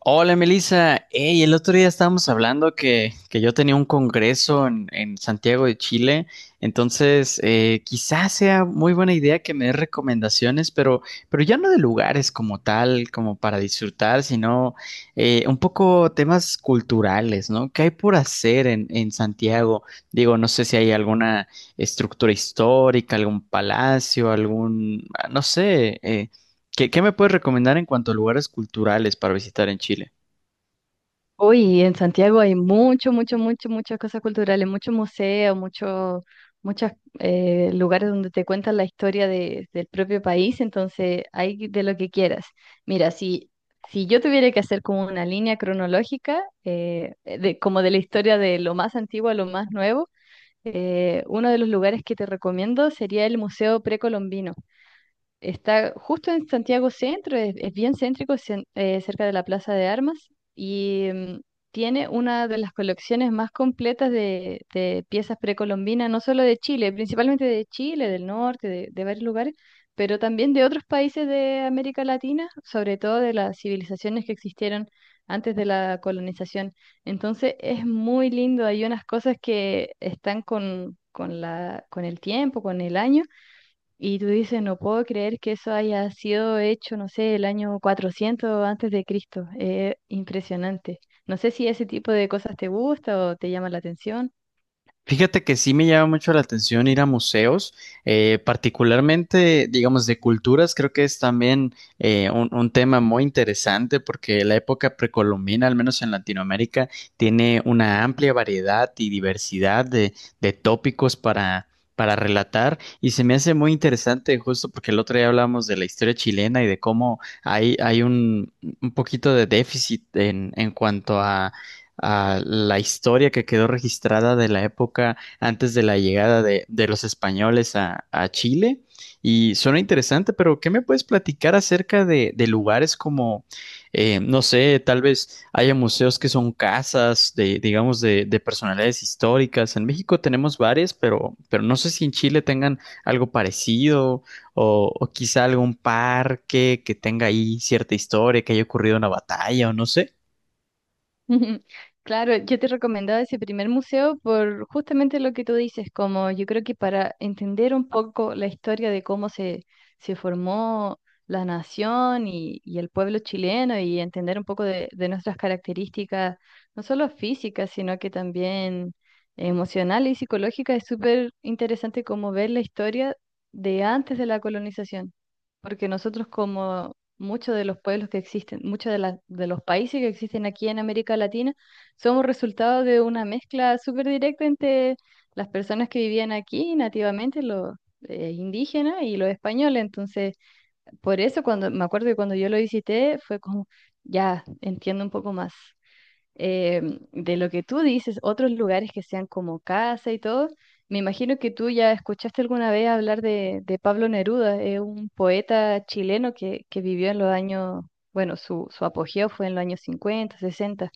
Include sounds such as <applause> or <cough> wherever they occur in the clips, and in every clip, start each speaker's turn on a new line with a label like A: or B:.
A: Hola Melissa. Ey, el otro día estábamos hablando que yo tenía un congreso en Santiago de Chile, entonces quizás sea muy buena idea que me des recomendaciones, pero ya no de lugares como tal, como para disfrutar, sino un poco temas culturales, ¿no? ¿Qué hay por hacer en Santiago? Digo, no sé si hay alguna estructura histórica, algún palacio, algún, ah, no sé, ¿qué me puedes recomendar en cuanto a lugares culturales para visitar en Chile?
B: Uy, en Santiago hay mucho, mucho, mucho, muchas cosas culturales, muchos museos, muchos lugares donde te cuentan la historia del propio país, entonces hay de lo que quieras. Mira, si yo tuviera que hacer como una línea cronológica, como de la historia de lo más antiguo a lo más nuevo, uno de los lugares que te recomiendo sería el Museo Precolombino. Está justo en Santiago Centro, es bien céntrico, cerca de la Plaza de Armas y tiene una de las colecciones más completas de piezas precolombinas, no solo de Chile, principalmente de Chile, del norte, de varios lugares, pero también de otros países de América Latina, sobre todo de las civilizaciones que existieron antes de la colonización. Entonces es muy lindo, hay unas cosas que están con el tiempo, con el año y tú dices, no puedo creer que eso haya sido hecho, no sé, el año 400 antes de Cristo. Es impresionante. No sé si ese tipo de cosas te gusta o te llama la atención.
A: Fíjate que sí me llama mucho la atención ir a museos, particularmente, digamos, de culturas. Creo que es también un tema muy interesante porque la época precolombina, al menos en Latinoamérica, tiene una amplia variedad y diversidad de tópicos para relatar. Y se me hace muy interesante justo porque el otro día hablamos de la historia chilena y de cómo hay un poquito de déficit en cuanto a la historia que quedó registrada de la época antes de la llegada de los españoles a Chile. Y suena interesante, pero ¿qué me puedes platicar acerca de lugares como, no sé, tal vez haya museos que son casas de, digamos, de personalidades históricas? En México tenemos varias, pero no sé si en Chile tengan algo parecido o quizá algún parque que tenga ahí cierta historia, que haya ocurrido una batalla o no sé.
B: <laughs> Claro, yo te recomendaba ese primer museo por justamente lo que tú dices, como yo creo que para entender un poco la historia de cómo se formó la nación y el pueblo chileno y entender un poco de nuestras características, no solo físicas, sino que también emocionales y psicológicas, es súper interesante como ver la historia de antes de la colonización, porque nosotros como muchos de los pueblos que existen, muchos de los países que existen aquí en América Latina, somos resultado de una mezcla súper directa entre las personas que vivían aquí nativamente, los indígenas y los españoles. Entonces, por eso cuando me acuerdo que cuando yo lo visité fue como, ya entiendo un poco más, eh, de lo que tú dices, otros lugares que sean como casa y todo. Me imagino que tú ya escuchaste alguna vez hablar de Pablo Neruda, es un poeta chileno que vivió en los años, bueno, su apogeo fue en los años 50, 60.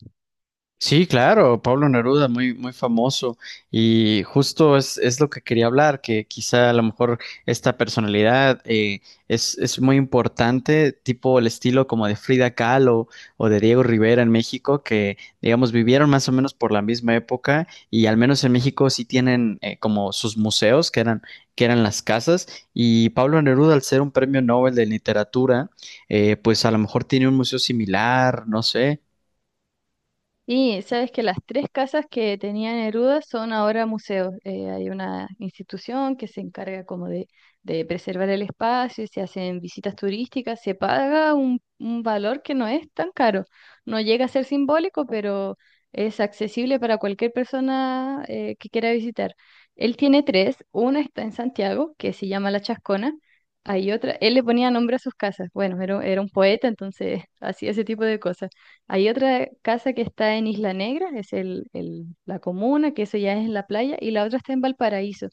A: Sí, claro, Pablo Neruda, muy, muy famoso. Y justo es lo que quería hablar, que quizá a lo mejor esta personalidad es muy importante, tipo el estilo como de Frida Kahlo o de Diego Rivera en México, que digamos vivieron más o menos por la misma época y al menos en México sí tienen como sus museos, que eran las casas. Y Pablo Neruda, al ser un premio Nobel de literatura, pues a lo mejor tiene un museo similar, no sé.
B: Y sabes que las tres casas que tenía Neruda son ahora museos. Hay una institución que se encarga como de preservar el espacio y se hacen visitas turísticas. Se paga un valor que no es tan caro. No llega a ser simbólico, pero es accesible para cualquier persona, que quiera visitar. Él tiene tres. Una está en Santiago, que se llama La Chascona. Hay otra, él le ponía nombre a sus casas. Bueno, era un poeta, entonces <laughs> hacía ese tipo de cosas. Hay otra casa que está en Isla Negra, es la comuna, que eso ya es en la playa, y la otra está en Valparaíso.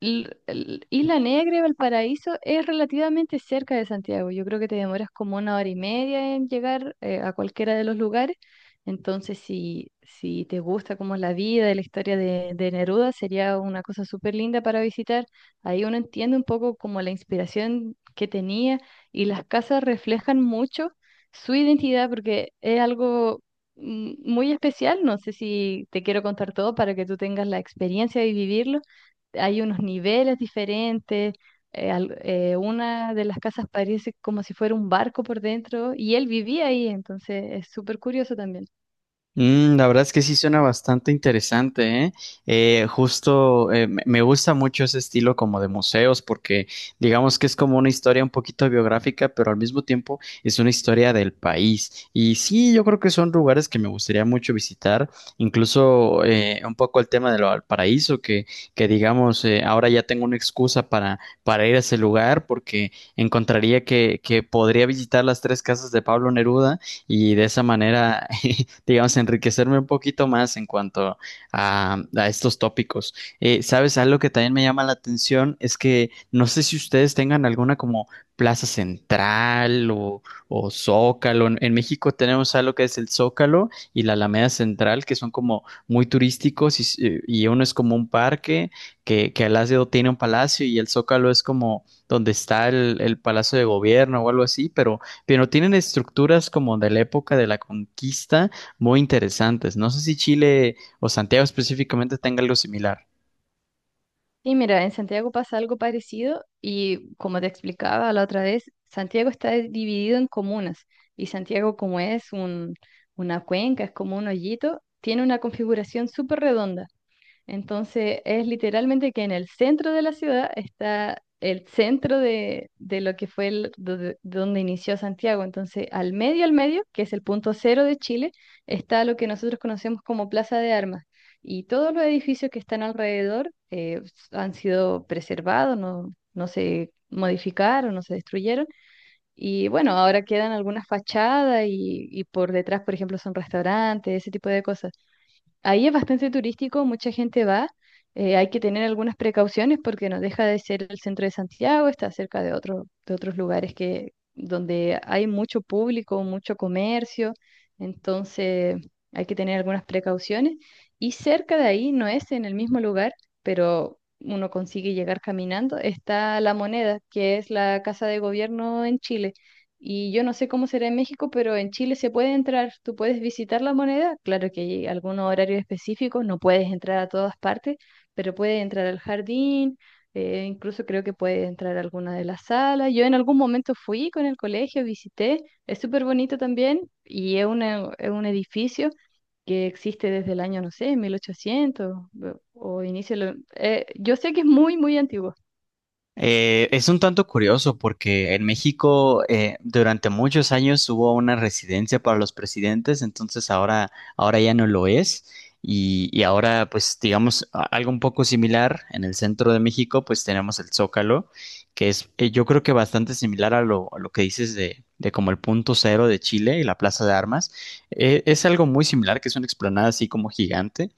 B: Isla Negra y Valparaíso es relativamente cerca de Santiago. Yo creo que te demoras como una hora y media en llegar, a cualquiera de los lugares. Entonces, si te gusta como la vida y la historia de Neruda, sería una cosa súper linda para visitar. Ahí uno entiende un poco como la inspiración que tenía y las casas reflejan mucho su identidad porque es algo muy especial. No sé si te quiero contar todo para que tú tengas la experiencia de vivirlo, hay unos niveles diferentes. Una de las casas parece como si fuera un barco por dentro y él vivía ahí, entonces es súper curioso también.
A: Mm, la verdad es que sí suena bastante interesante, ¿eh? Justo me gusta mucho ese estilo como de museos porque digamos que es como una historia un poquito biográfica, pero al mismo tiempo es una historia del país. Y sí, yo creo que son lugares que me gustaría mucho visitar, incluso un poco el tema de lo del paraíso, que digamos, ahora ya tengo una excusa para ir a ese lugar porque encontraría que podría visitar las tres casas de Pablo Neruda y de esa manera <laughs> digamos, enriquecerme un poquito más en cuanto a estos tópicos. ¿Sabes? Algo que también me llama la atención es que no sé si ustedes tengan alguna como Plaza Central o Zócalo. En México tenemos algo que es el Zócalo y la Alameda Central, que son como muy turísticos y uno es como un parque que al lado tiene un palacio y el Zócalo es como donde está el Palacio de Gobierno o algo así, pero tienen estructuras como de la época de la conquista muy interesantes. No sé si Chile o Santiago específicamente tenga algo similar.
B: Y mira, en Santiago pasa algo parecido y como te explicaba la otra vez, Santiago está dividido en comunas y Santiago como es un, una cuenca, es como un hoyito, tiene una configuración súper redonda. Entonces es literalmente que en el centro de la ciudad está el centro de lo que fue donde inició Santiago. Entonces al medio, que es el punto cero de Chile, está lo que nosotros conocemos como Plaza de Armas. Y todos los edificios que están alrededor han sido preservados, no, no se modificaron, no se destruyeron. Y bueno, ahora quedan algunas fachadas y por detrás, por ejemplo, son restaurantes, ese tipo de cosas. Ahí es bastante turístico, mucha gente va. Hay que tener algunas precauciones porque no deja de ser el centro de Santiago, está cerca de otros lugares, que, donde hay mucho público, mucho comercio, entonces hay que tener algunas precauciones. Y cerca de ahí, no es en el mismo lugar, pero uno consigue llegar caminando, está La Moneda, que es la casa de gobierno en Chile. Y yo no sé cómo será en México, pero en Chile se puede entrar, tú puedes visitar la moneda, claro que hay algunos horarios específicos, no puedes entrar a todas partes, pero puedes entrar al jardín, incluso creo que puedes entrar a alguna de las salas. Yo en algún momento fui con el colegio, visité, es súper bonito también y es, es un edificio que existe desde el año, no sé, 1800 o inicio, yo sé que es muy, muy antiguo.
A: Es un tanto curioso porque en México durante muchos años hubo una residencia para los presidentes, entonces ahora ya no lo es. Y ahora, pues, digamos, a- algo un poco similar en el centro de México, pues tenemos el Zócalo, que es, yo creo que bastante similar a lo que dices de como el punto cero de Chile y la Plaza de Armas. Es algo muy similar, que es una explanada así como gigante.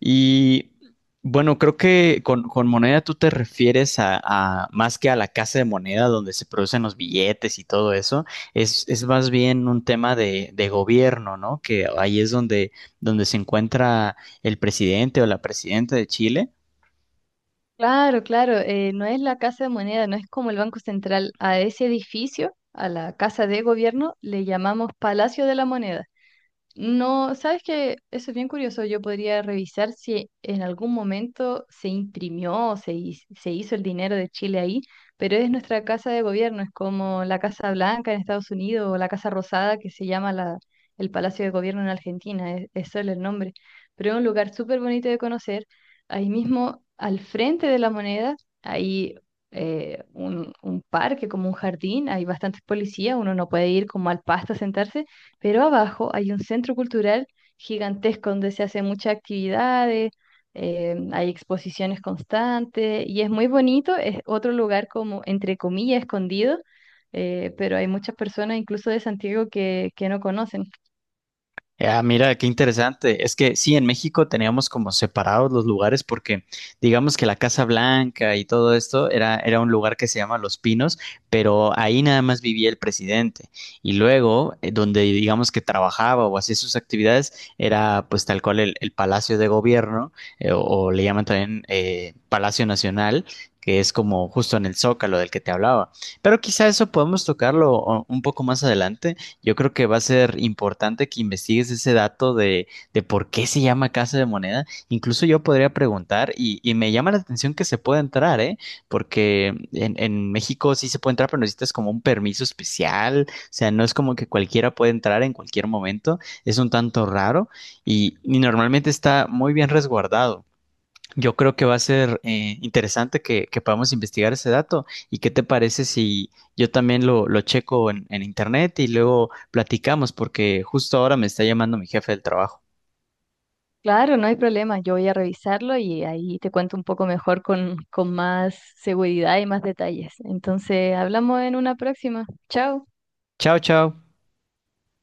A: Y bueno, creo que con moneda tú te refieres a- más que a la casa de moneda donde se producen los billetes y todo eso, es más bien un tema de gobierno, ¿no? Que ahí es donde se encuentra el presidente o la presidenta de Chile.
B: Claro, claro, no es la Casa de Moneda, no es como el Banco Central. A ese edificio, a la Casa de Gobierno, le llamamos Palacio de la Moneda. No, sabes que eso es bien curioso. Yo podría revisar si en algún momento se imprimió o se hizo el dinero de Chile ahí, pero es nuestra casa de gobierno, es como la Casa Blanca en Estados Unidos o la Casa Rosada que se llama el Palacio de Gobierno en Argentina, es solo el nombre. Pero es un lugar súper bonito de conocer. Ahí mismo, al frente de la moneda, hay un parque, como un jardín, hay bastantes policías, uno no puede ir como al pasto a sentarse, pero abajo hay un centro cultural gigantesco donde se hacen muchas actividades, hay exposiciones constantes y es muy bonito, es otro lugar como entre comillas escondido, pero hay muchas personas incluso de Santiago que no conocen.
A: Ah, mira, qué interesante. Es que sí, en México teníamos como separados los lugares porque digamos que la Casa Blanca y todo esto era un lugar que se llama Los Pinos, pero ahí nada más vivía el presidente. Y luego, donde digamos que trabajaba o hacía sus actividades, era pues tal cual el Palacio de Gobierno, o le llaman también Palacio Nacional, que es como justo en el Zócalo del que te hablaba. Pero quizá eso podemos tocarlo o- un poco más adelante. Yo creo que va a ser importante que investigues ese dato de por qué se llama Casa de Moneda. Incluso yo podría preguntar y me llama la atención que se pueda entrar, ¿eh? Porque en México sí se puede entrar, pero necesitas como un permiso especial. O sea, no es como que cualquiera puede entrar en cualquier momento. Es un tanto raro y normalmente está muy bien resguardado. Yo creo que va a ser interesante que podamos investigar ese dato. ¿Y qué te parece si yo también lo checo en internet y luego platicamos? Porque justo ahora me está llamando mi jefe del trabajo.
B: Claro, no hay problema, yo voy a revisarlo y ahí te cuento un poco mejor con más seguridad y más detalles. Entonces, hablamos en una próxima. Chao.
A: Chao, chao.